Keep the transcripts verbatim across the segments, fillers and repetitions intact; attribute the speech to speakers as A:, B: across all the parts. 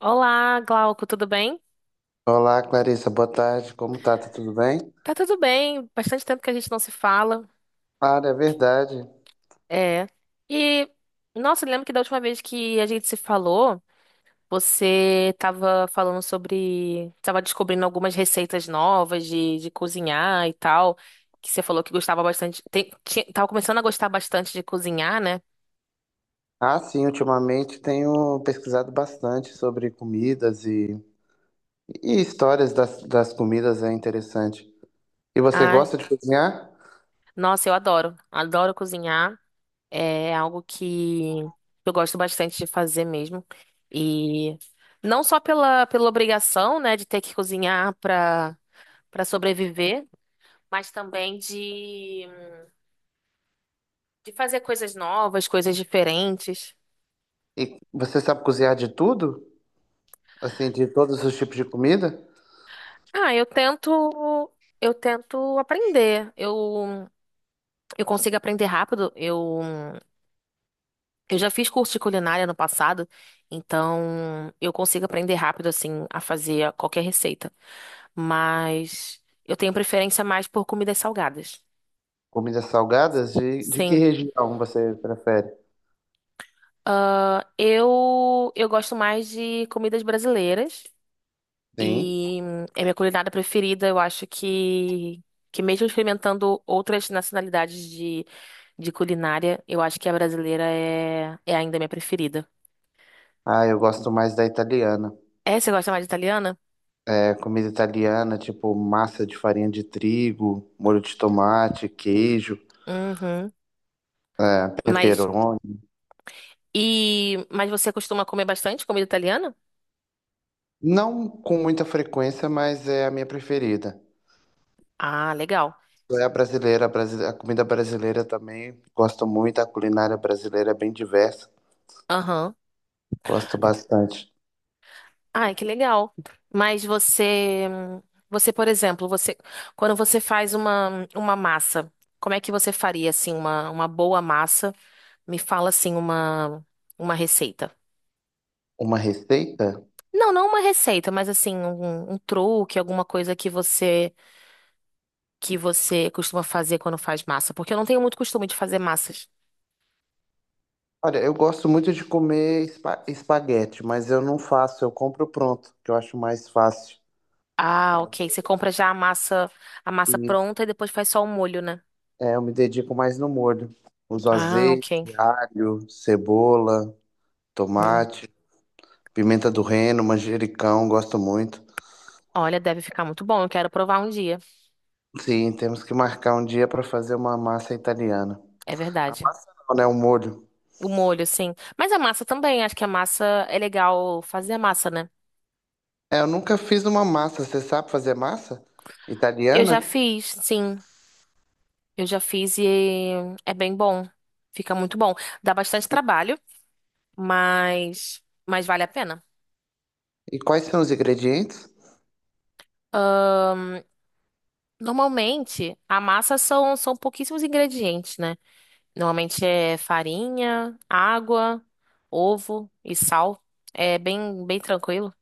A: Olá, Glauco, tudo bem?
B: Olá, Clarissa, boa tarde. Como tá? Tá tudo bem?
A: Tá tudo bem, bastante tempo que a gente não se fala.
B: Cara, é verdade.
A: É. E, nossa, eu lembro que da última vez que a gente se falou, você tava falando sobre. Tava descobrindo algumas receitas novas de, de cozinhar e tal. Que você falou que gostava bastante. Tem, tinha- tava começando a gostar bastante de cozinhar, né?
B: Ah, sim, ultimamente tenho pesquisado bastante sobre comidas e, e histórias das, das comidas, é interessante. E você
A: Ai,
B: gosta de cozinhar?
A: nossa, eu adoro. Adoro cozinhar. É algo que eu gosto bastante de fazer mesmo. E não só pela, pela obrigação, né, de ter que cozinhar para para sobreviver, mas também de, de fazer coisas novas, coisas diferentes.
B: E você sabe cozinhar de tudo? Assim, de todos os tipos de comida?
A: Ah, eu tento eu tento aprender. Eu eu consigo aprender rápido. Eu eu já fiz curso de culinária no passado, então eu consigo aprender rápido assim a fazer qualquer receita. Mas eu tenho preferência mais por comidas salgadas.
B: Comidas salgadas? De, de que
A: Sim.
B: região você prefere?
A: Ah, eu, eu gosto mais de comidas brasileiras.
B: Sim.
A: E hum, é minha culinária preferida. Eu acho que, que mesmo experimentando outras nacionalidades de, de culinária, eu acho que a brasileira é, é ainda minha preferida.
B: Ah, eu gosto mais da italiana.
A: É, você gosta mais de italiana?
B: É, comida italiana, tipo massa de farinha de trigo, molho de tomate, queijo.
A: Uhum. Mas,
B: Pepperoni.
A: e, mas você costuma comer bastante comida italiana?
B: Não com muita frequência, mas é a minha preferida.
A: Ah, legal.
B: É a brasileira, a, brasi- a comida brasileira também. Gosto muito, a culinária brasileira é bem diversa.
A: Aham.
B: Gosto bastante.
A: Ai, que legal. Mas você, você, por exemplo, você, quando você faz uma, uma massa, como é que você faria assim uma, uma boa massa? Me fala assim uma, uma receita.
B: Uma receita?
A: Não, não uma receita, mas assim um, um truque, alguma coisa que você que você costuma fazer quando faz massa, porque eu não tenho muito costume de fazer massas.
B: Olha, eu gosto muito de comer espa- espaguete, mas eu não faço, eu compro pronto, que eu acho mais fácil.
A: Ah, ok. Você compra já a massa a massa
B: E
A: pronta e depois faz só o molho, né?
B: é, eu me dedico mais no molho. Uso
A: Ah,
B: azeite,
A: ok.
B: alho, cebola,
A: Hum.
B: tomate, pimenta do reino, manjericão, gosto muito.
A: Olha, deve ficar muito bom. Eu quero provar um dia.
B: Sim, temos que marcar um dia para fazer uma massa italiana.
A: É
B: A
A: verdade.
B: massa não, né? O molho.
A: O molho, sim. Mas a massa também, acho que a massa é legal fazer a massa, né?
B: É, eu nunca fiz uma massa. Você sabe fazer massa
A: Eu já
B: italiana?
A: fiz, sim. Eu já fiz e é bem bom. Fica muito bom. Dá bastante trabalho, mas mas vale a pena.
B: E quais são os ingredientes?
A: Normalmente, a massa são são pouquíssimos ingredientes, né? Normalmente é farinha, água, ovo e sal. É bem bem tranquilo.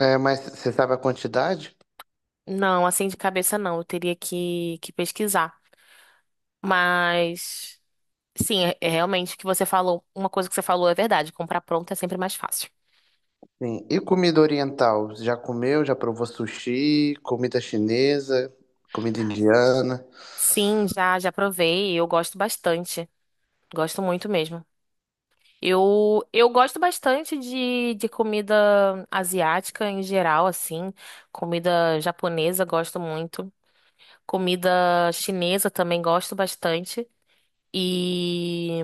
B: É, mas você sabe a quantidade?
A: Não, assim de cabeça não, eu teria que que pesquisar. Mas sim, é é realmente o que você falou. Uma coisa que você falou é verdade. Comprar pronto é sempre mais fácil.
B: Sim. E comida oriental? Já comeu? Já provou sushi? Comida chinesa? Comida indiana?
A: Sim, já já provei. Eu gosto bastante. Gosto muito mesmo. Eu, eu gosto bastante de, de comida asiática em geral, assim. Comida japonesa, gosto muito. Comida chinesa também gosto bastante. E.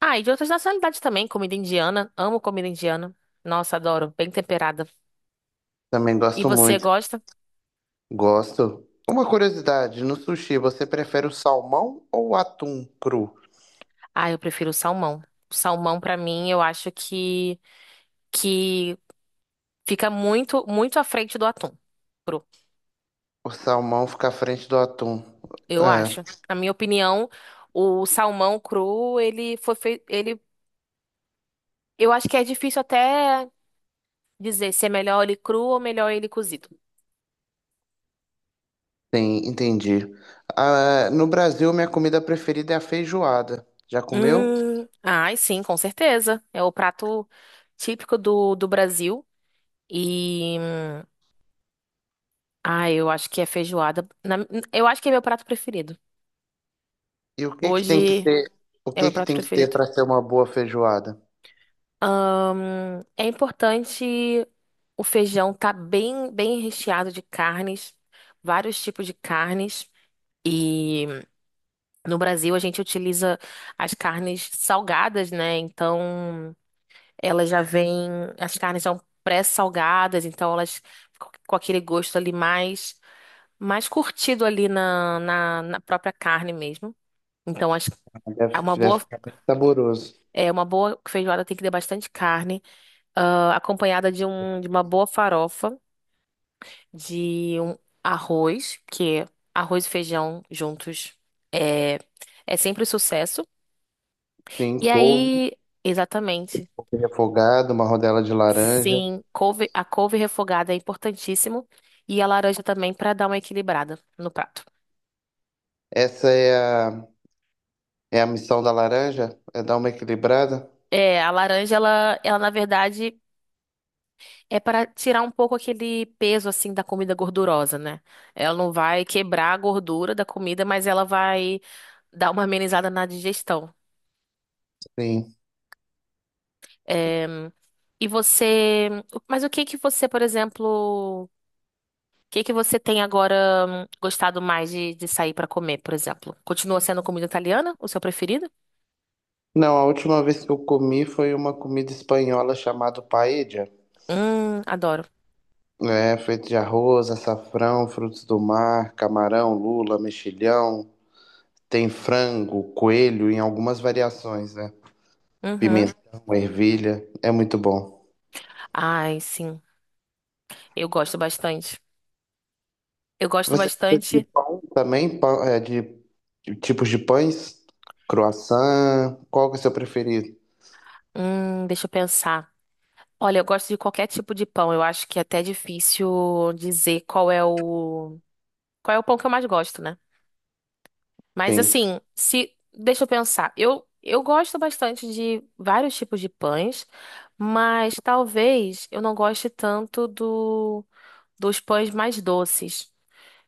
A: Ah, e de outras nacionalidades também. Comida indiana. Amo comida indiana. Nossa, adoro. Bem temperada.
B: Também
A: E
B: gosto
A: você
B: muito.
A: gosta?
B: Gosto. Uma curiosidade, no sushi você prefere o salmão ou o atum cru?
A: Ah, eu prefiro o salmão. O salmão, pra mim, eu acho que, que fica muito, muito à frente do atum cru.
B: O salmão fica à frente do atum.
A: Eu
B: É.
A: acho. Na minha opinião, o salmão cru, ele foi feito. Ele, eu acho que é difícil até dizer se é melhor ele cru ou melhor ele cozido.
B: Sim, entendi. Ah, no Brasil, minha comida preferida é a feijoada. Já comeu?
A: Hum, ai, sim, com certeza. É o prato típico do, do Brasil. E. hum, Ah, eu acho que é feijoada. Na- eu acho que é meu prato preferido.
B: E o que que tem que
A: Hoje
B: ter, o
A: é
B: que
A: meu
B: que
A: prato
B: tem que ter
A: preferido.
B: para ser uma boa feijoada?
A: Ahn, é importante o feijão estar bem, bem recheado de carnes, vários tipos de carnes. E no Brasil a gente utiliza as carnes salgadas, né? Então elas já vêm, as carnes são pré-salgadas, então elas ficam com aquele gosto ali mais, mais curtido ali na, na, na própria carne mesmo. Então acho
B: Deve,
A: é uma
B: deve
A: boa,
B: ficar bem saboroso.
A: é uma boa feijoada tem que ter bastante carne. ah, acompanhada de, um, de uma boa farofa, de um arroz, que arroz e feijão juntos é, é sempre um sucesso.
B: Tem
A: E
B: couve,
A: aí, exatamente,
B: couve refogada, uma rodela de laranja.
A: sim, couve- a couve refogada é importantíssimo e a laranja também para dar uma equilibrada no prato.
B: Essa é a, é a missão da laranja? É dar uma equilibrada?
A: É, a laranja, ela, ela na verdade é para tirar um pouco aquele peso assim da comida gordurosa, né? Ela não vai quebrar a gordura da comida, mas ela vai dar uma amenizada na digestão.
B: Sim.
A: Em, e você, mas o que que você, por exemplo, o que que você tem agora hum, gostado mais de, de sair pra comer, por exemplo? Continua sendo comida italiana, o seu preferido?
B: Não, a última vez que eu comi foi uma comida espanhola chamada paella.
A: Hum, adoro.
B: É, feito de arroz, açafrão, frutos do mar, camarão, lula, mexilhão. Tem frango, coelho em algumas variações, né?
A: Uhum.
B: Pimentão, ervilha. É muito bom.
A: Ai, sim. Eu gosto bastante. Eu gosto
B: Você gosta de
A: bastante.
B: pão também? Pão, é, de, de tipos de pães? Croissant? Qual que é o seu preferido?
A: Hum, deixa eu pensar. Olha, eu gosto de qualquer tipo de pão. Eu acho que é até difícil dizer qual é o qual é o pão que eu mais gosto, né? Mas
B: Sim.
A: assim, se deixa eu pensar, eu eu gosto bastante de vários tipos de pães, mas talvez eu não goste tanto do dos pães mais doces.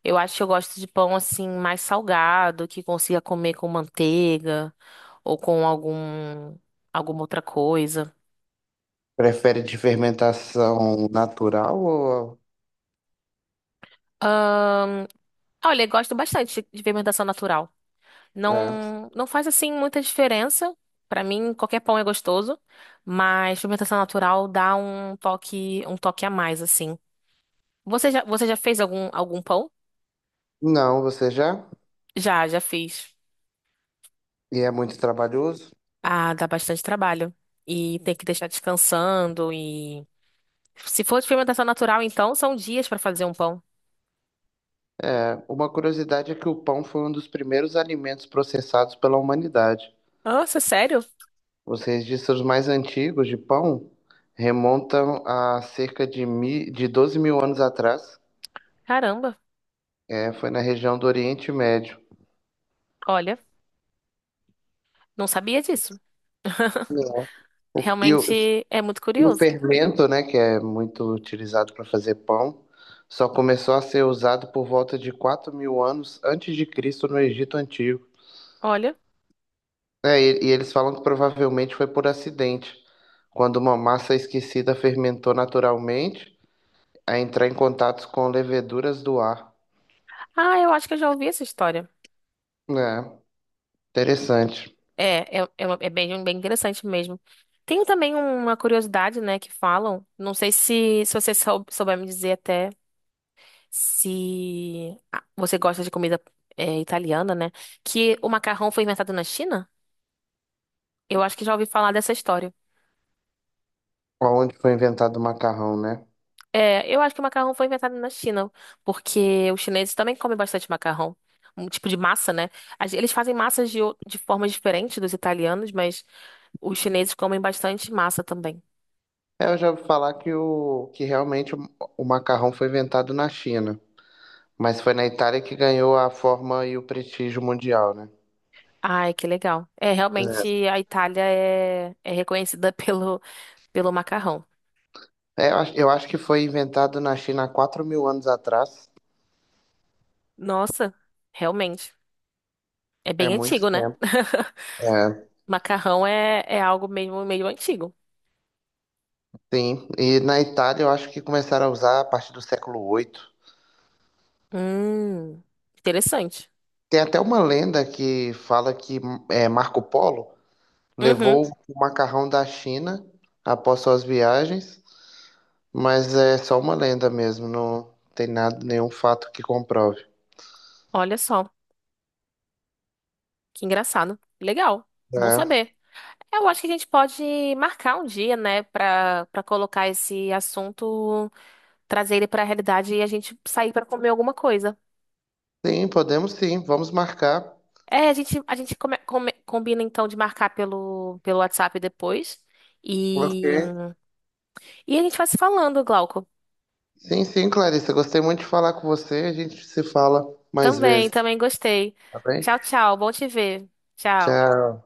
A: Eu acho que eu gosto de pão assim mais salgado, que consiga comer com manteiga ou com algum alguma outra coisa.
B: Prefere de fermentação natural ou...
A: Ah, Olha, eu gosto bastante de fermentação natural.
B: É.
A: Não, não faz assim muita diferença. Pra mim, qualquer pão é gostoso, mas fermentação natural dá um toque, um toque a mais assim. Você já, você já fez algum algum pão?
B: Não, você já?
A: Já, já fiz.
B: E é muito trabalhoso?
A: Ah, dá bastante trabalho e tem que deixar descansando e se for de fermentação natural, então são dias pra fazer um pão.
B: É. Uma curiosidade é que o pão foi um dos primeiros alimentos processados pela humanidade.
A: Nossa, sério?
B: Os registros mais antigos de pão remontam a cerca de, mi, de doze mil anos atrás,
A: Caramba.
B: é, foi na região do Oriente Médio.
A: Olha, não sabia disso.
B: E o,
A: Realmente é muito
B: e o
A: curioso.
B: fermento, né, que é muito utilizado para fazer pão, só começou a ser usado por volta de quatro mil anos antes de Cristo no Egito Antigo.
A: Olha.
B: É, e, e eles falam que provavelmente foi por acidente, quando uma massa esquecida fermentou naturalmente a entrar em contato com leveduras do ar.
A: Ah, eu acho que eu já ouvi essa história.
B: É, interessante.
A: É, é, é, uma- é bem, bem interessante mesmo. Tem também uma curiosidade, né, que falam. Não sei se, se você sou- souber me dizer até se ah, você gosta de comida é, italiana, né? Que o macarrão foi inventado na China? Eu acho que já ouvi falar dessa história.
B: Onde foi inventado o macarrão, né?
A: É, eu acho que o macarrão foi inventado na China, porque os chineses também comem bastante macarrão. Um tipo de massa, né? As- Eles fazem massas de, o- de formas diferentes dos italianos, mas os chineses comem bastante massa também.
B: É, eu já ouvi falar que, o, que realmente o, o macarrão foi inventado na China, mas foi na Itália que ganhou a forma e o prestígio mundial, né?
A: Ai, que legal. É, realmente a Itália é, é reconhecida pelo, pelo macarrão.
B: É, eu acho eu acho que foi inventado na China há quatro mil anos atrás.
A: Nossa, realmente. É
B: É
A: bem
B: muito
A: antigo, né?
B: tempo. É,
A: Macarrão é, é algo mesmo meio antigo.
B: sim. E na Itália eu acho que começaram a usar a partir do século oito.
A: Hum, interessante.
B: Tem até uma lenda que fala que é, Marco Polo
A: Uhum,
B: levou o macarrão da China após suas viagens. Mas é só uma lenda mesmo, não tem nada, nenhum fato que comprove.
A: olha só, que engraçado. Legal, bom
B: É.
A: saber. É, eu acho que a gente pode marcar um dia, né, pra, pra colocar esse assunto, trazer ele pra realidade e a gente sair pra comer alguma coisa.
B: Sim, podemos sim, vamos marcar.
A: É, a gente, a gente come- come- combina então de marcar pelo, pelo WhatsApp depois.
B: Ok.
A: E, e a gente vai se falando, Glauco.
B: Sim, sim, Clarissa, gostei muito de falar com você. A gente se fala mais
A: Também,
B: vezes,
A: também gostei.
B: tá bem?
A: Tchau, tchau. Bom te ver. Tchau.
B: Tchau.